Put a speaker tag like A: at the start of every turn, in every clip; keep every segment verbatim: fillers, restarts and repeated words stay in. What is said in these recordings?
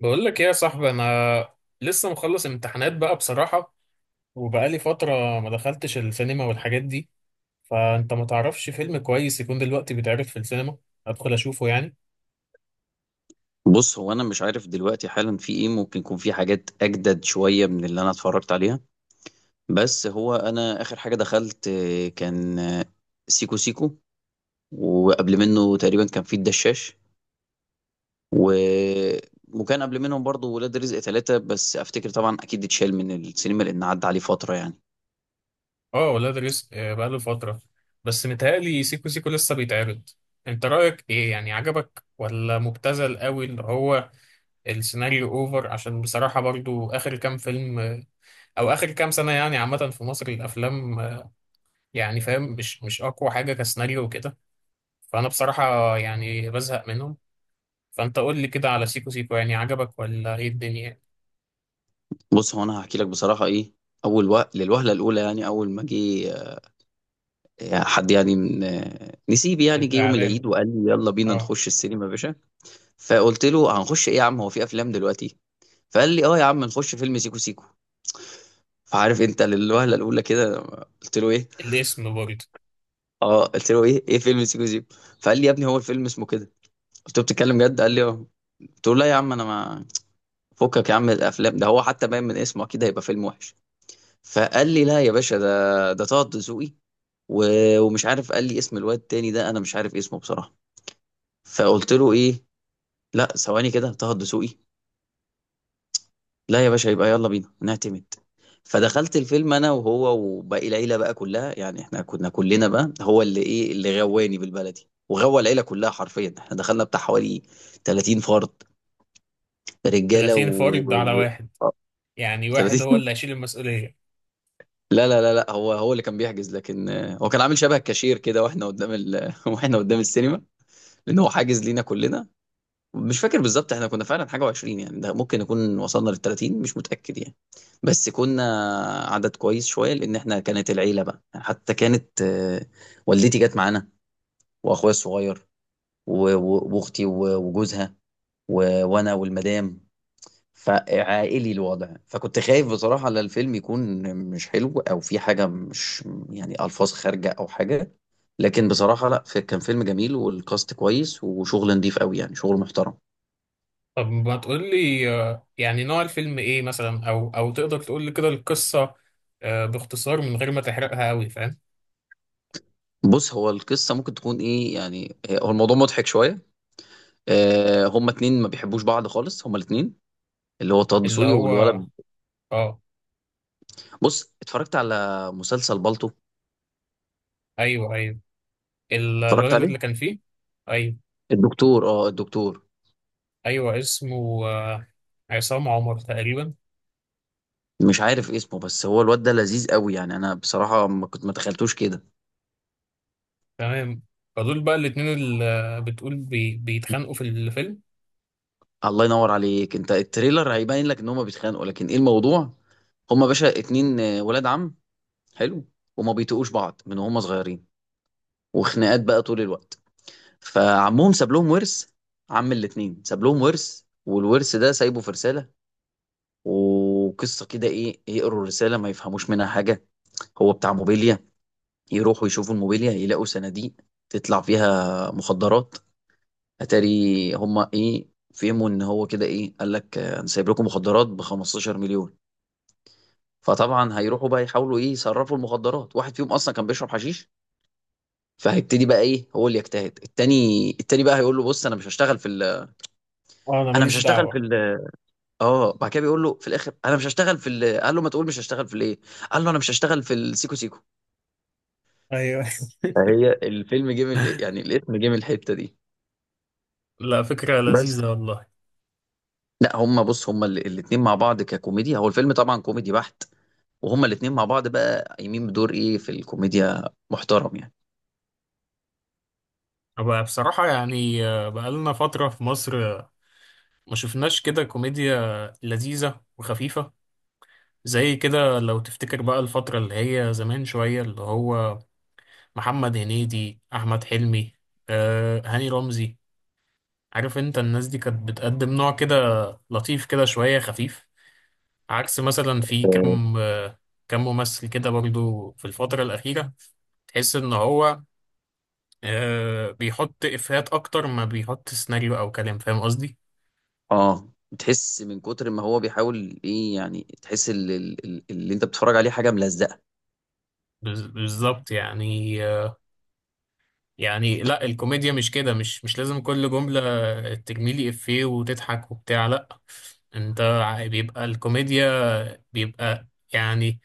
A: بقول لك ايه يا صاحبي؟ انا لسه مخلص امتحانات بقى بصراحة، وبقالي فترة ما دخلتش السينما والحاجات دي. فانت ما تعرفش فيلم كويس يكون دلوقتي بيتعرض في السينما ادخل اشوفه يعني؟
B: بص هو انا مش عارف دلوقتي حالا في ايه، ممكن يكون في حاجات اجدد شويه من اللي انا اتفرجت عليها. بس هو انا اخر حاجه دخلت آه، كان آه، سيكو سيكو، وقبل منه تقريبا كان في الدشاش و... وكان قبل منهم برضو ولاد رزق ثلاثة، بس افتكر طبعا اكيد اتشال من السينما لان عدى عليه فتره يعني.
A: اه، ولاد رزق آه، بقاله فترة، بس متهيألي سيكو سيكو لسه بيتعرض. انت رأيك ايه يعني؟ عجبك ولا مبتذل قوي اللي هو السيناريو اوفر؟ عشان بصراحة برضو اخر كام فيلم آه، او اخر كام سنة يعني، عامة في مصر الافلام آه، يعني فاهم، مش مش اقوى حاجة كسيناريو وكده. فانا بصراحة يعني بزهق منهم. فانت قول لي كده على سيكو سيكو، يعني عجبك ولا ايه الدنيا؟
B: بص هو انا هحكي لك بصراحه ايه. اول وقت للوهله الاولى يعني اول ما جه آه، حد يعني من آه، نسيبي، يعني جه يوم
A: الاعلان،
B: العيد وقال لي يلا بينا
A: اه.
B: نخش السينما يا باشا. فقلت له هنخش ايه يا عم؟ هو في افلام دلوقتي؟ فقال لي اه يا عم نخش فيلم سيكو سيكو. فعارف انت للوهله الاولى كده قلت له ايه.
A: الاسم برضه.
B: اه قلت له ايه ايه فيلم سيكو سيكو. فقال لي يا ابني هو الفيلم اسمه كده. قلت له بتتكلم جد؟ قال لي اه. قلت له لا يا عم انا ما فكك يا عم من الافلام ده، هو حتى باين من اسمه اكيد هيبقى فيلم وحش. فقال لي لا يا باشا ده ده طه دسوقي و- ومش عارف، قال لي اسم الواد التاني ده انا مش عارف اسمه بصراحه. فقلت له ايه؟ لا ثواني كده، طه الدسوقي؟ لا يا باشا يبقى يلا بينا نعتمد. فدخلت الفيلم انا وهو وباقي العيله بقى كلها، يعني احنا كنا كلنا بقى هو اللي ايه، اللي غواني بالبلدي وغوى العيله كلها حرفيا. احنا دخلنا بتاع حوالي ثلاثين فرد رجاله و,
A: تلاتين فرد على
B: و...
A: واحد؟
B: آه،
A: يعني واحد هو
B: ثلاثين
A: اللي هيشيل المسؤولية؟
B: لا لا لا لا، هو هو اللي كان بيحجز. لكن آه، هو كان عامل شبه كاشير كده واحنا قدام ال... واحنا قدام السينما لان هو حاجز لينا كلنا. مش فاكر بالظبط، احنا كنا فعلا حاجة وعشرين يعني، ده ممكن نكون وصلنا للتلاتين، مش متأكد يعني. بس كنا عدد كويس شوية، لأن احنا كانت العيلة بقى يعني، حتى كانت آه، والدتي جت معانا، وأخويا الصغير و- و- وأختي و- وجوزها و- وأنا والمدام. فعائلي الوضع، فكنت خايف بصراحة على الفيلم يكون مش حلو أو في حاجة مش، يعني ألفاظ خارجة أو حاجة. لكن بصراحة لا، كان فيلم جميل والكاست كويس وشغل نضيف قوي يعني شغل محترم.
A: طب ما تقول لي آه، يعني نوع الفيلم ايه مثلا، او او تقدر تقول لي كده القصة آه، باختصار من غير ما تحرقها قوي، فاهم؟
B: بص هو القصة ممكن تكون ايه يعني، آه، هو الموضوع مضحك شوية. آه هما اتنين ما بيحبوش بعض خالص، هما الاتنين اللي هو طه
A: اللي
B: دسوقي
A: هو؟
B: والولد.
A: اه.
B: بص اتفرجت على مسلسل بالطو.
A: ايوه، ايوه، ال-
B: اتفرجت
A: الولد
B: عليه
A: اللي كان فيه. ايوه.
B: الدكتور، اه الدكتور
A: ايوه اسمه آه، عصام عمر تقريبا.
B: مش عارف اسمه، بس هو الواد ده لذيذ قوي يعني، انا بصراحة ما كنت ما تخيلتوش كده.
A: تمام. فدول بقى الاتنين اللي بتقول بي... بيتخانقوا في الفيلم؟
B: الله ينور عليك، انت التريلر هيبين لك ان هما بيتخانقوا، لكن ايه الموضوع؟ هما باشا اتنين آه، ولاد عم، حلو، وما بيتقوش بعض من هما صغيرين، وخناقات بقى طول الوقت. فعمهم ساب لهم ورث، عم الاتنين ساب لهم ورث، والورث ده سايبه في رسالة. وقصة كده ايه، يقروا الرسالة ما يفهموش منها حاجة. هو بتاع موبيليا، يروحوا يشوفوا الموبيليا يلاقوا صناديق تطلع فيها مخدرات. اتاري هما ايه، فهموا ان هو كده، ايه قال لك آه، انا سايب لكم مخدرات ب خمستاشر مليون. فطبعا هيروحوا بقى يحاولوا ايه، يصرفوا المخدرات. واحد فيهم اصلا كان بيشرب حشيش، فهيبتدي بقى ايه، هو اللي يجتهد. التاني التاني بقى هيقول له بص انا مش هشتغل في ال...
A: اه، انا
B: انا مش
A: ماليش
B: هشتغل في
A: دعوة.
B: ال... اه بعد كده بيقول له في الاخر انا مش هشتغل في ال... قال له ما تقول مش هشتغل في الايه. قال له انا مش هشتغل في السيكو سيكو.
A: ايوه.
B: فهي الفيلم جه من، يعني الاسم جه من الحته دي.
A: لا، فكرة
B: بس
A: لذيذة والله.
B: لا هما بص هما ال- الاتنين مع بعض ككوميديا، هو الفيلم طبعا كوميدي بحت، وهما الاتنين مع بعض بقى قايمين بدور ايه في الكوميديا، محترم يعني.
A: بقى بصراحة يعني آه، بقالنا فترة في مصر آه، ما شفناش كده كوميديا لذيذة وخفيفة، زي كده لو تفتكر بقى الفترة اللي هي زمان شوية، اللي هو محمد هنيدي، أحمد حلمي، آه، هاني رمزي. عارف انت الناس دي كانت بتقدم نوع كده لطيف كده شوية خفيف، عكس مثلا في
B: اه
A: كم آه، كم ممثل كده برضو في الفترة الأخيرة، تحس إن هو آه، بيحط إفيهات أكتر ما بيحط سيناريو أو كلام، فاهم قصدي؟
B: آه، تحس من كتر ما هو بيحاول ايه يعني، تحس اللي, اللي انت بتتفرج عليه حاجه ملزقه.
A: بز- بالظبط يعني آه، يعني لا، الكوميديا مش كده، مش مش لازم كل جملة ترميلي إفيه وتضحك وبتاع، لا. أنت ع- بيبقى الكوميديا، بيبقى يعني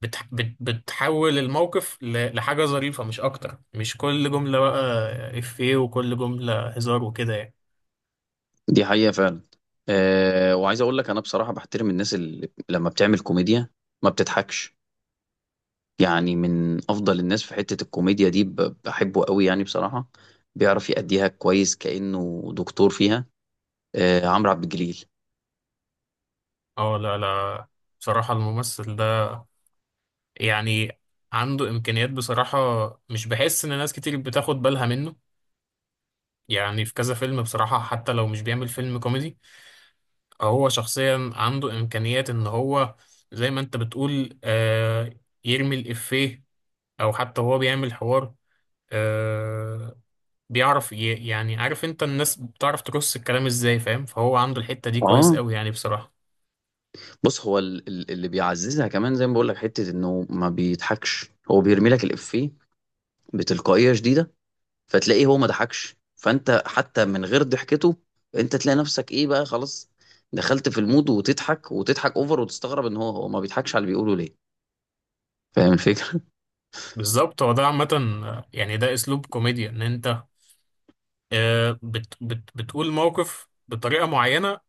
A: بتح... بت... بتحول الموقف ل... لحاجة ظريفة مش أكتر، مش كل جملة بقى إفيه وكل جملة هزار وكده يعني.
B: دي حقيقة فعلا. أه وعايز اقول لك انا بصراحة بحترم الناس اللي لما بتعمل كوميديا ما بتضحكش. يعني من افضل الناس في حتة الكوميديا دي، ب- بحبه قوي يعني بصراحة. بيعرف يأديها كويس كأنه دكتور فيها. أه عمرو عبد الجليل.
A: اه، لا لا. بصراحة الممثل ده يعني عنده إمكانيات بصراحة. مش بحس إن ناس كتير بتاخد بالها منه، يعني في كذا فيلم بصراحة حتى لو مش بيعمل فيلم كوميدي، هو شخصيا عنده إمكانيات إن هو زي ما أنت بتقول آه، يرمي الإفيه أو حتى هو بيعمل حوار آه، بيعرف ي... يعني عارف انت، الناس بتعرف ترص الكلام ازاي، فاهم؟ فهو عنده الحتة دي كويس
B: اه
A: قوي يعني بصراحة.
B: بص هو ال- ال- اللي بيعززها كمان زي ما بقول لك حتة انه ما بيضحكش، هو بيرمي لك الإفيه بتلقائية شديدة. فتلاقيه هو ما ضحكش، فانت حتى من غير ضحكته انت تلاقي نفسك ايه بقى، خلاص دخلت في المود وتضحك وتضحك اوفر، وتستغرب ان هو هو ما بيضحكش على اللي بيقوله ليه. فاهم الفكرة.
A: بالظبط، هو ده عامة آه، يعني ده اسلوب كوميديا، ان انت آه، بت... بت... بتقول موقف بطريقة معينة،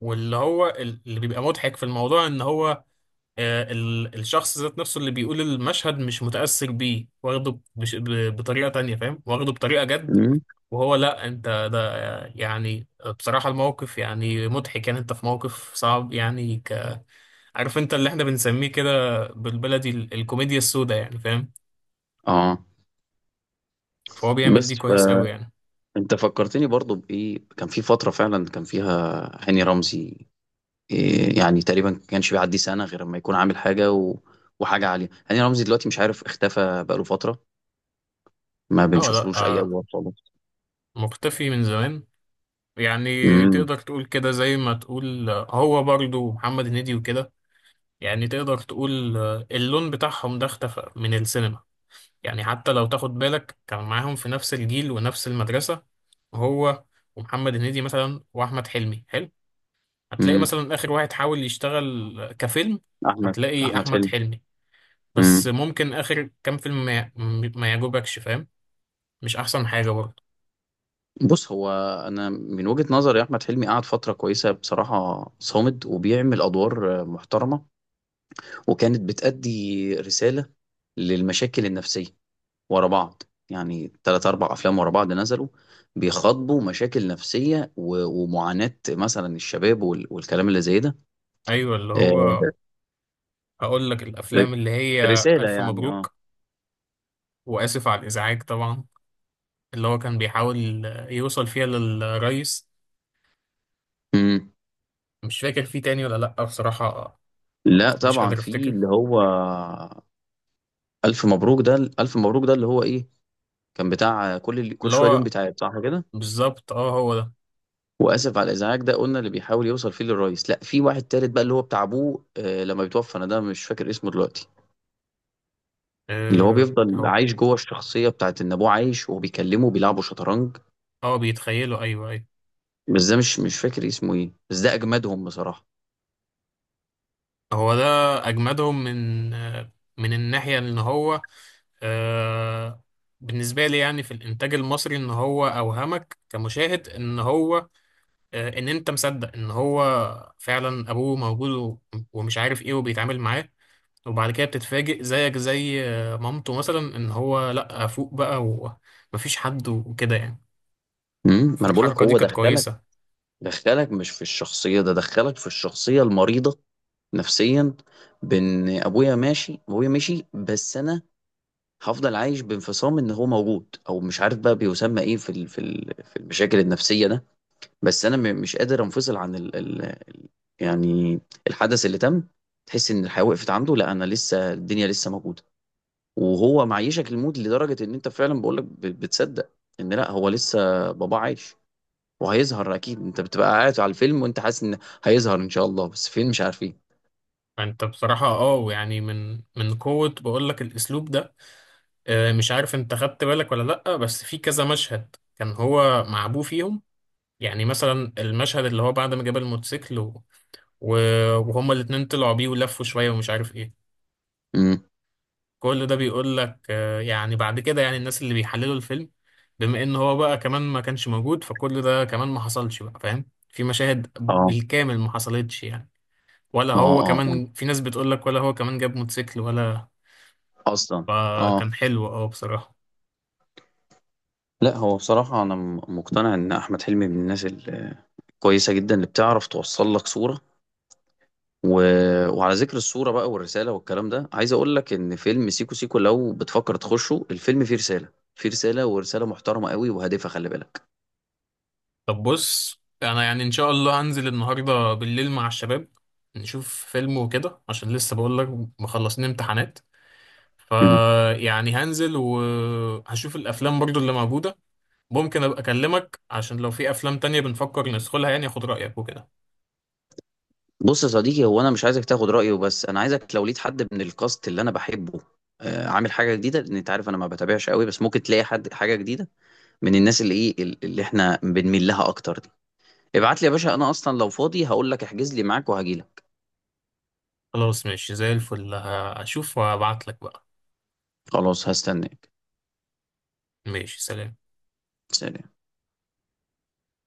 A: واللي هو ال- اللي بيبقى مضحك في الموضوع ان هو آه، ال- الشخص ذات نفسه اللي بيقول المشهد مش متأثر بيه، واخده بش... ب... بطريقة تانية، فاهم؟ واخده بطريقة جد
B: مم.
A: وهو لا، انت ده آه، يعني بصراحة الموقف يعني مضحك، يعني انت في موقف صعب يعني. عارف انت اللي احنا بنسميه كده بالبلدي ال- الكوميديا السوداء، يعني فاهم؟
B: اه.
A: فهو بيعمل
B: بس
A: دي كويس قوي يعني.
B: فانت فكرتني برضو بايه، كان في فترة فعلا كان فيها هاني رمزي، إيه يعني تقريبا ما كانش بيعدي سنة غير لما يكون عامل حاجة و... وحاجة عالية. هاني رمزي دلوقتي مش عارف اختفى بقاله فترة، ما
A: اه، لا
B: بنشوفلوش اي
A: آه،
B: ادوار خالص.
A: مختفي من زمان. يعني
B: امم
A: تقدر تقول كده، زي ما تقول آه، هو برضو محمد هنيدي وكده، يعني تقدر تقول آه، اللون بتاعهم ده اختفى من السينما. يعني حتى لو تاخد بالك كان معاهم في نفس الجيل ونفس المدرسة، هو ومحمد هنيدي مثلا واحمد حلمي. حلو. هتلاقي
B: امم
A: مثلا اخر واحد حاول يشتغل كفيلم،
B: احمد،
A: هتلاقي
B: احمد
A: احمد
B: حلمي.
A: حلمي. بس
B: امم
A: ممكن آخر كام فيلم ما, ي- م- ما يعجبكش، فاهم؟ مش أحسن حاجة برضه.
B: بُص، هو أنا من وجهة نظري أحمد حلمي قعد فترة كويسة بصراحة صامد، وبيعمل أدوار محترمة، وكانت بتأدي رسالة للمشاكل النفسية ورا بعض، يعني تلاتة، اربعة أفلام ورا بعض نزلوا بيخاطبوا مشاكل نفسية و ومعاناة مثلًا الشباب وال والكلام اللي زي ده،
A: أيوة، اللي هو
B: آآ
A: هقول لك
B: ر
A: الأفلام اللي هي
B: رسالة
A: ألف
B: يعني آه،
A: مبروك وآسف على الإزعاج طبعا، اللي هو كان بيحاول يوصل فيها للرئيس.
B: إمم،
A: مش فاكر فيه تاني ولا لأ بصراحة،
B: لأ
A: مش
B: طبعًا
A: قادر
B: في
A: أفتكر.
B: اللي هو ألف مبروك. ده ال ألف مبروك ده اللي هو إيه، كان بتاع كل ال كل
A: اللي
B: شوية ليهم
A: هو
B: بيتعاد، صح كده؟
A: بالظبط، اه هو ده.
B: واسف على الازعاج ده قلنا اللي بيحاول يوصل فيه للرئيس. لا في واحد تالت بقى اللي هو بتاع ابوه آه، لما بيتوفى، انا ده مش فاكر اسمه دلوقتي. اللي هو
A: اه،
B: بيفضل
A: هو.
B: عايش جوه الشخصيه بتاعت ان ابوه عايش وهو بيكلمه بيلعبوا شطرنج.
A: اه، بيتخيلوا. أيوة أيوة،
B: بس ده مش مش فاكر اسمه ايه، بس ده اجمدهم بصراحه.
A: هو ده أجمدهم من آه، من الناحية إن هو آه، بالنسبة لي يعني في الإنتاج المصري، إن هو أوهمك كمشاهد إن هو آه، إن أنت مصدق إن هو فعلا أبوه موجود و- ومش عارف إيه وبيتعامل معاه، وبعد كده بتتفاجئ زيك زي آه، مامته مثلا، إن هو لأ فوق بقى، ومفيش حد وكده يعني.
B: امم ما انا بقول لك،
A: فالحركة دي
B: هو
A: كانت
B: دخلك
A: كويسة.
B: دخلك مش في الشخصيه ده، دخلك في الشخصيه المريضه نفسيا. بان ابويا ماشي، ابويا مشي بس انا هفضل عايش بانفصام ان هو موجود، او مش عارف بقى بيسمى ايه في ال- في ال- في المشاكل النفسيه ده، بس انا م- مش قادر انفصل عن ال... ال... ال- يعني الحدث اللي تم. تحس ان الحياة وقفت عنده، لا انا لسه، الدنيا لسه موجودة. وهو معيشك الموت لدرجة ان انت فعلا بقولك ب- بتصدق ان لا هو لسه بابا عايش وهيظهر اكيد، انت بتبقى قاعد على الفيلم وانت حاسس ان هيظهر ان شاء الله بس فين، مش عارفين.
A: فأنت بصراحة أه، يعني من من قوة بقولك الأسلوب ده آه، مش عارف أنت خدت بالك ولا لأ، بس في كذا مشهد كان هو مع أبوه فيهم. يعني مثلا المشهد اللي هو بعد ما جاب الموتوسيكل و... و- وهما الاتنين طلعوا بيه ولفوا شوية ومش عارف ايه،
B: امم
A: كل ده بيقول لك آه، يعني بعد كده يعني الناس اللي بيحللوا الفيلم، بما ان هو بقى كمان ما كانش موجود، فكل ده كمان ما حصلش بقى، فاهم؟ في مشاهد
B: اه
A: بالكامل ما حصلتش يعني. ولا
B: اه
A: هو
B: اه اه
A: كمان في ناس بتقول لك ولا هو كمان جاب موتوسيكل ولا.
B: اصلا. اه
A: فكان حلو اه بصراحة.
B: لا هو بصراحة أنا م- مقتنع إن أحمد حلمي من الناس الكويسة جدا اللي بتعرف توصل لك صورة و... وعلى ذكر الصورة بقى والرسالة والكلام ده، عايز أقول لك إن فيلم سيكو سيكو لو بتفكر تخشه، الفيلم فيه رسالة، فيه رسالة ورسالة محترمة قوي وهادفة، خلي بالك.
A: طب بص، انا يعني ان شاء الله هنزل النهارده بالليل مع الشباب، نشوف فيلم وكده، عشان لسه بقول لك مخلصين امتحانات.
B: مم.
A: فيعني هنزل وهشوف الافلام برضو اللي موجوده. ممكن ابقى اكلمك عشان لو في افلام تانية بنفكر ندخلها، يعني اخد رايك وكده.
B: بص يا صديقي، هو أنا مش عايزك تاخد رأيه، بس أنا عايزك لو لقيت حد من الكاست اللي أنا بحبه آه، عامل حاجة جديدة، لأن أنت عارف أنا ما بتابعش قوي، بس ممكن تلاقي حد حاجة جديدة من الناس اللي إيه ال- اللي إحنا بنميل لها أكتر دي. ابعت لي يا باشا، أنا أصلا لو فاضي هقول لك احجز لي معاك وهجيلك.
A: خلاص ماشي زي الفل، هشوف وابعت لك بقى.
B: خلاص هستناك.
A: ماشي، سلام.
B: سلام.